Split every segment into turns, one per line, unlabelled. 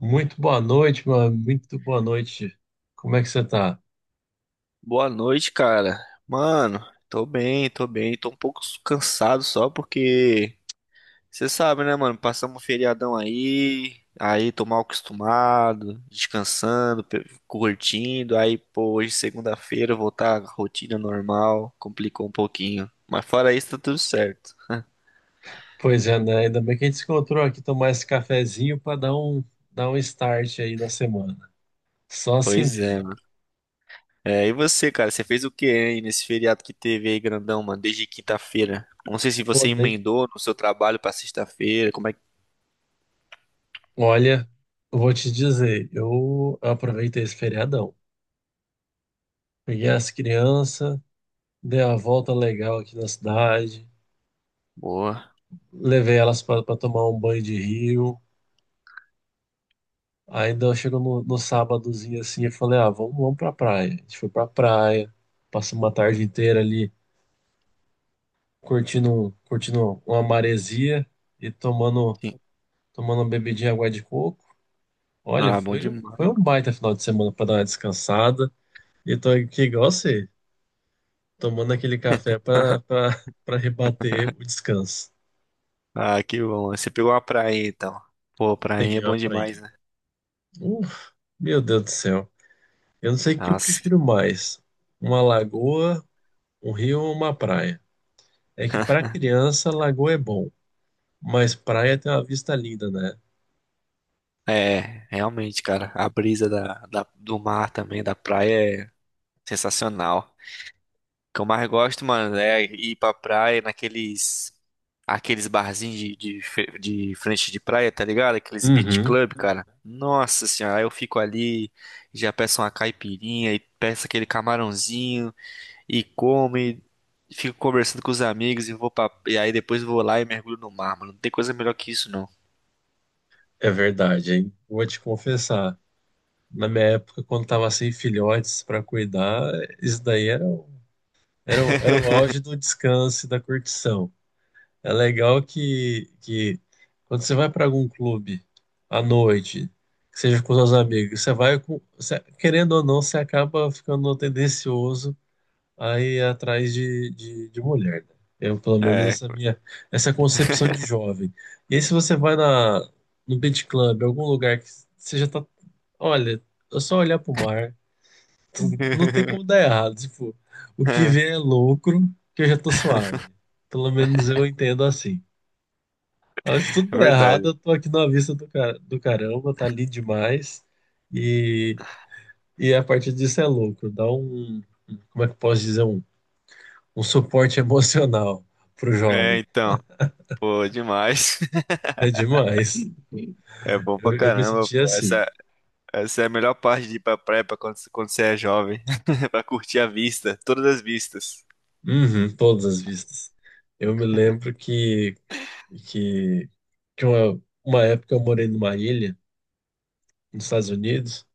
Muito boa noite, mano. Muito boa noite. Como é que você tá?
Boa noite, cara. Mano, tô bem. Tô um pouco cansado só porque você sabe, né, mano? Passamos um feriadão aí, tô mal acostumado, descansando, curtindo. Aí, pô, hoje é segunda-feira voltar à rotina normal, complicou um pouquinho. Mas fora isso, tá tudo certo.
Pois é, né? Ainda bem que a gente se encontrou aqui tomar esse cafezinho para dar um start aí na semana. Só assim
Pois
mesmo.
é, mano. É, e você, cara? Você fez o que aí nesse feriado que teve aí, grandão, mano? Desde quinta-feira. Não sei se
Ô,
você
ne-
emendou no seu trabalho pra sexta-feira. Como é que.
Olha, eu vou te dizer, eu aproveitei esse feriadão. Peguei as crianças, dei uma volta legal aqui na cidade,
Boa.
levei elas para tomar um banho de rio. Ainda chegou no, sábadozinho assim, eu falei, ah, vamos pra praia. A gente foi pra praia, passou uma tarde inteira ali curtindo, uma maresia e tomando uma bebidinha de água de coco. Olha,
Ah, bom demais.
foi um baita final de semana para dar uma descansada. E tô aqui igual você, tomando aquele café para rebater o descanso.
Ah, que bom. Você pegou uma praia, então. Pô, prainha é
Peguei uma
bom demais,
prainha.
né?
Uf, meu Deus do céu. Eu não sei o que eu
Nossa.
prefiro mais, uma lagoa, um rio ou uma praia. É que para criança, lagoa é bom, mas praia tem uma vista linda, né?
É, realmente, cara. A brisa do mar também, da praia, é sensacional. O que eu mais gosto, mano, é ir pra praia naqueles... Aqueles barzinhos de frente de praia, tá ligado? Aqueles beach
Uhum,
club, cara. Nossa senhora, aí eu fico ali, já peço uma caipirinha e peço aquele camarãozinho e come, fico conversando com os amigos e vou pra... E aí depois vou lá e mergulho no mar, mano. Não tem coisa melhor que isso, não.
é verdade, hein? Vou te confessar. Na minha época, quando tava sem filhotes para cuidar, isso daí era o auge do descanso e da curtição. É legal que quando você vai para algum clube à noite, que seja com seus amigos, você vai com, você- querendo ou não, você acaba ficando tendencioso a ir atrás de mulher, né? Eu, pelo menos,
É.
essa concepção de jovem. E aí, se você vai no beach club, algum lugar que você já tá, olha, é só olhar pro mar não tem como dar errado. Tipo, o que vem é lucro, que eu já tô suave. Pelo menos eu entendo assim. Mas se tudo
É
der errado,
verdade.
eu tô aqui na vista do caramba, tá ali demais. E, e a partir disso é lucro. Dá um, como é que eu posso dizer? Um suporte emocional pro
É,
jovem.
então, pô, demais.
É demais.
É bom pra
Eu me
caramba,
senti
pô.
assim.
Essa é a melhor parte de ir pra praia pra quando você é jovem. Pra curtir a vista, todas as vistas.
Uhum, todas as vistas. Eu me lembro que, que uma época eu morei numa ilha nos Estados Unidos.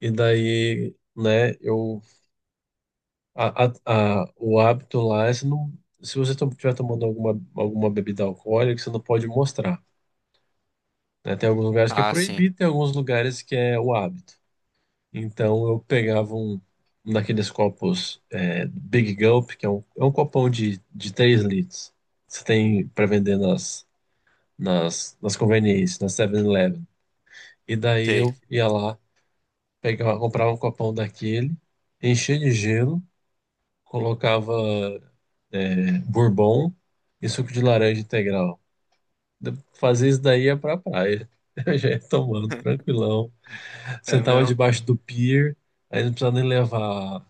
E daí, né, eu a- o hábito lá é se você estiver tomando alguma bebida alcoólica, você não pode mostrar, né? Tem alguns lugares que é
Ah, sim.
proibido, tem alguns lugares que é o hábito. Então eu pegava um daqueles copos Big Gulp, que é um copão de 3 litros. Você tem para vender nas, nas conveniências, na 7-Eleven. E daí
Sei.
eu ia lá, pegava, comprava um copão daquele, enchia de gelo, colocava bourbon e suco de laranja integral. Fazer isso daí é pra praia. Eu já ia tomando, tranquilão.
É
Sentava
meu?
debaixo do pier, aí não precisava nem levar, não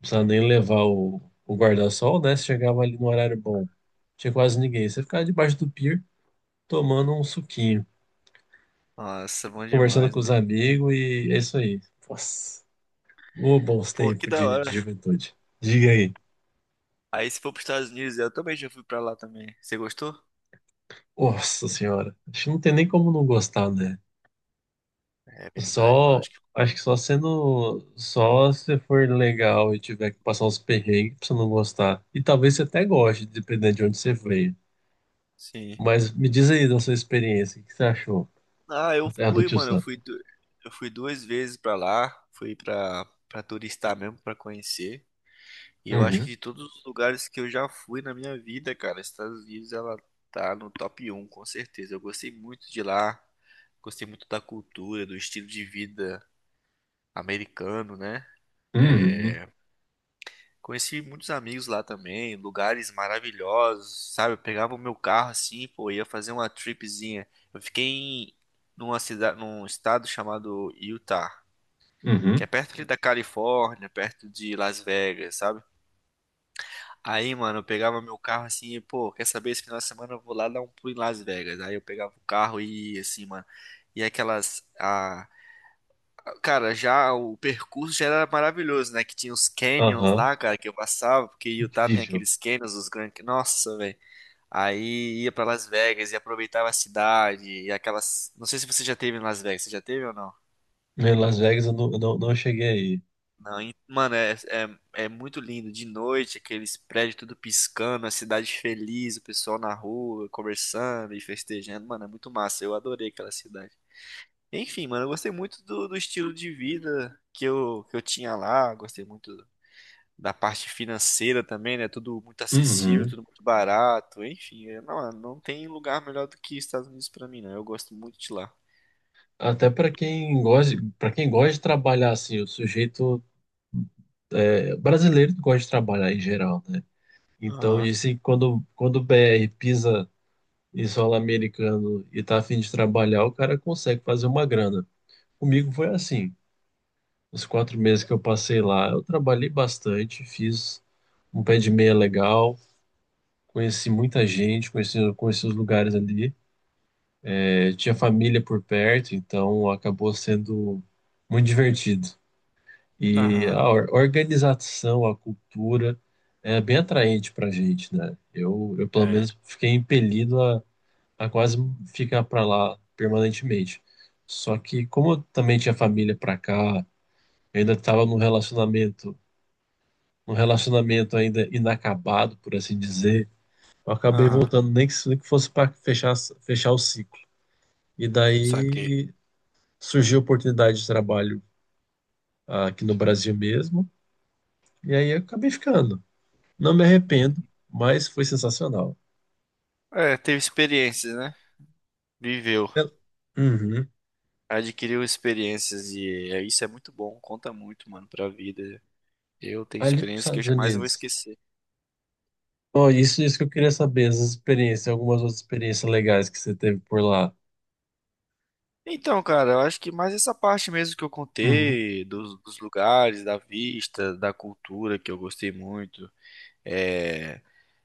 precisava nem levar o, o guarda-sol, né? Você chegava ali no horário bom. Tinha quase ninguém. Você ficava debaixo do pier tomando um suquinho,
Nossa, bom
conversando
demais,
com os
mano.
amigos e é isso aí. Nossa, ô, bons
Pô, que
tempos
da
de
hora.
juventude. Diga aí.
Aí se for pros Estados Unidos, eu também já fui pra lá também. Você gostou?
Nossa senhora, acho que não tem nem como não gostar, né?
É verdade, mano.
Só,
Acho que
acho que só sendo, só se for legal e tiver que passar uns perrengues pra você não gostar. E talvez você até goste, dependendo de onde você veio.
sim.
Mas me diz aí da sua experiência, o que você achou?
Ah, eu
É a do
fui,
Tio
mano.
Sam.
Eu fui duas vezes pra lá. Fui pra, pra turistar mesmo, pra conhecer. E eu acho que
Uhum,
de todos os lugares que eu já fui na minha vida, cara, Estados Unidos, ela tá no top um com certeza. Eu gostei muito de lá. Gostei muito da cultura, do estilo de vida americano, né?
uhum,
É, conheci muitos amigos lá também, lugares maravilhosos, sabe? Eu pegava o meu carro assim, pô, ia fazer uma tripzinha. Eu fiquei em, numa cidade, num estado chamado Utah, que é
uhum,
perto ali da Califórnia, perto de Las Vegas, sabe? Aí, mano, eu pegava meu carro assim, e, pô, quer saber, esse final de semana eu vou lá dar um pulo em Las Vegas. Aí eu pegava o carro e ia assim, mano. E aquelas, a, Cara, já o percurso já era maravilhoso, né? Que tinha os canyons
aham,
lá, cara, que eu passava, porque Utah tem
incrível.
aqueles canyons, os grandes. Nossa, velho. Aí ia pra Las Vegas e aproveitava a cidade e aquelas. Não sei se você já teve em Las Vegas, você já teve ou não?
Em Las Vegas eu não, não cheguei aí.
Não, mano, é muito lindo. De noite, aqueles prédios tudo piscando, a cidade feliz, o pessoal na rua conversando e festejando. Mano, é muito massa. Eu adorei aquela cidade. Enfim, mano, eu gostei muito do estilo de vida que eu tinha lá. Gostei muito da parte financeira também, né? Tudo muito acessível,
Uhum.
tudo muito barato, enfim, é, não, não tem lugar melhor do que Estados Unidos pra mim, não. Eu gosto muito de lá.
Até para quem gosta de trabalhar assim, brasileiro gosta de trabalhar em geral, né? Então,
Aham,
disse que quando o BR pisa e solo americano e tá a fim de trabalhar, o cara consegue fazer uma grana. Comigo foi assim. Os 4 meses que eu passei lá, eu trabalhei bastante, fiz um pé de meia legal, conheci muita gente, conheci os lugares ali. É, tinha família por perto, então acabou sendo muito divertido. E
aham,
a organização, a cultura é bem atraente pra gente, né? Eu pelo
é,
menos fiquei impelido a quase ficar para lá permanentemente. Só que como eu também tinha família para cá, eu ainda estava num relacionamento ainda inacabado, por assim dizer, eu acabei
aham,
voltando nem que, fosse para fechar o ciclo. E
saquei.
daí surgiu a oportunidade de trabalho, aqui no Brasil mesmo, e aí eu acabei ficando. Não me arrependo,
Uhum.
mas foi sensacional.
É, teve experiências, né? Viveu,
Eu- Uhum.
adquiriu experiências e é, isso é muito bom, conta muito, mano, pra vida. Eu tenho
Ali para os
experiências que eu
Estados
jamais vou
Unidos.
esquecer.
Oh, isso que eu queria saber, essas experiências, algumas outras experiências legais que você teve por lá.
Então, cara, eu acho que mais essa parte mesmo que eu
Uhum,
contei, dos lugares, da vista, da cultura que eu gostei muito. É,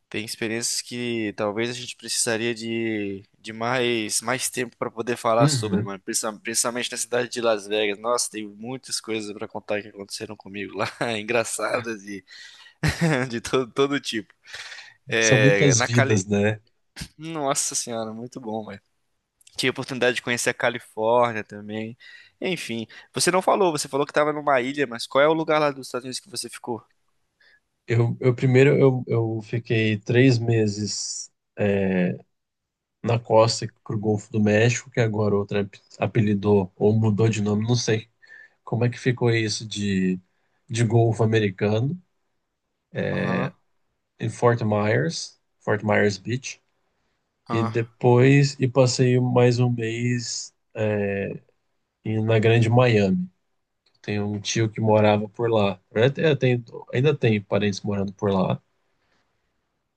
tem experiências que talvez a gente precisaria de mais, mais tempo para poder falar sobre,
uhum,
mano. Principalmente na cidade de Las Vegas. Nossa, tem muitas coisas para contar que aconteceram comigo lá, engraçadas e de todo tipo.
são
É,
muitas
na
vidas,
Cali...
né?
Nossa senhora, muito bom, velho. Tive a oportunidade de conhecer a Califórnia também. Enfim, você não falou, você falou que estava numa ilha, mas qual é o lugar lá dos Estados Unidos que você ficou?
Eu primeiro eu fiquei 3 meses na costa pro Golfo do México, que agora outra apelidou ou mudou de nome, não sei como é que ficou isso de Golfo americano,
Aham,
em Fort Myers, Fort Myers Beach, e
ah,
depois passei mais um mês na Grande Miami. Tem um tio que morava por lá. Eu te- eu tenho- ainda tem parentes morando por lá.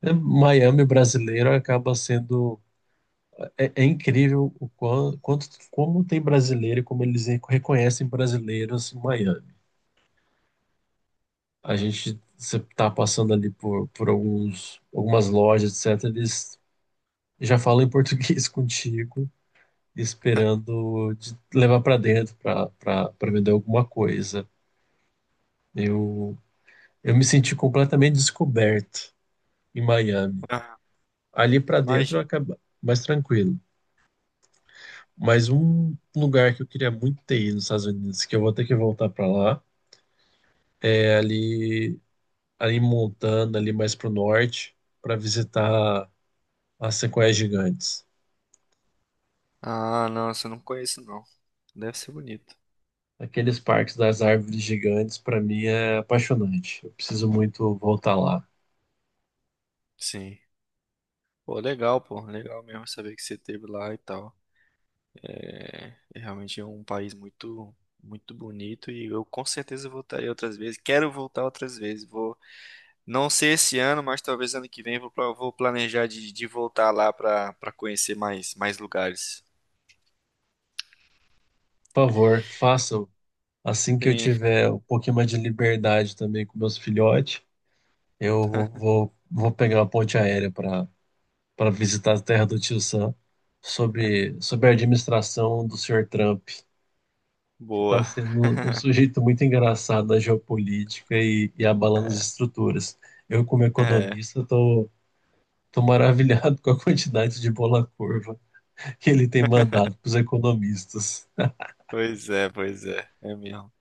É, Miami brasileiro acaba sendo. É incrível o como tem brasileiro e como eles reconhecem brasileiros em Miami. A gente você tá passando ali por algumas lojas, etc. Eles já falam em português contigo, esperando de levar para dentro para vender alguma coisa. Eu, eu me senti completamente descoberto em Miami.
ah,
Ali para dentro
imagina.
acaba mais tranquilo. Mas um lugar que eu queria muito ter ido nos Estados Unidos, que eu vou ter que voltar para lá, é ali em Montana, ali mais para o norte, para visitar as sequoias gigantes.
Ah, não, você não conheço, não. Deve ser bonito.
Aqueles parques das árvores gigantes, para mim, é apaixonante. Eu preciso muito voltar lá.
Sim. Pô. Legal mesmo saber que você esteve lá e tal. É, é realmente um país muito, muito bonito e eu com certeza voltarei outras vezes. Quero voltar outras vezes. Vou, não sei esse ano, mas talvez ano que vem vou, vou planejar de voltar lá pra para conhecer mais, mais lugares.
Por favor, façam. Assim que eu
Sim,
tiver um pouquinho mais de liberdade também com meus filhotes, eu vou pegar uma ponte aérea para visitar a terra do Tio Sam, sobre a administração do senhor Trump, que está
boa.
sendo um sujeito muito engraçado na geopolítica e abalando as estruturas. Eu, como
É,
economista, tô maravilhado com a quantidade de bola curva que ele tem mandado para os economistas.
pois é, pois é. É mesmo.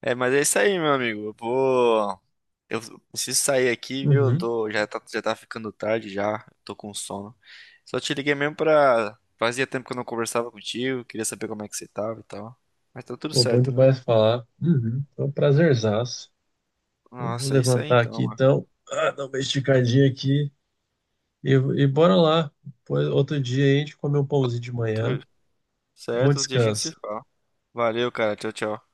É, mas é isso aí, meu amigo. Eu vou. Eu preciso sair aqui, viu? Eu
Uhum.
tô, já tá ficando tarde já, tô com sono. Só te liguei mesmo pra. Fazia tempo que eu não conversava contigo, queria saber como é que você tava e tal. Mas tá tudo
Pô, bom
certo, né?
demais falar. Uhum. Foi um prazerzaço. Eu vou
Nossa, é isso aí
levantar
então,
aqui
mano.
então, ah, dar uma esticadinha aqui e bora lá. Depois, outro dia aí a gente come um pãozinho de manhã.
Tudo
Bom
certo, outro dia a gente se
descanso.
fala. Valeu, cara. Tchau, tchau.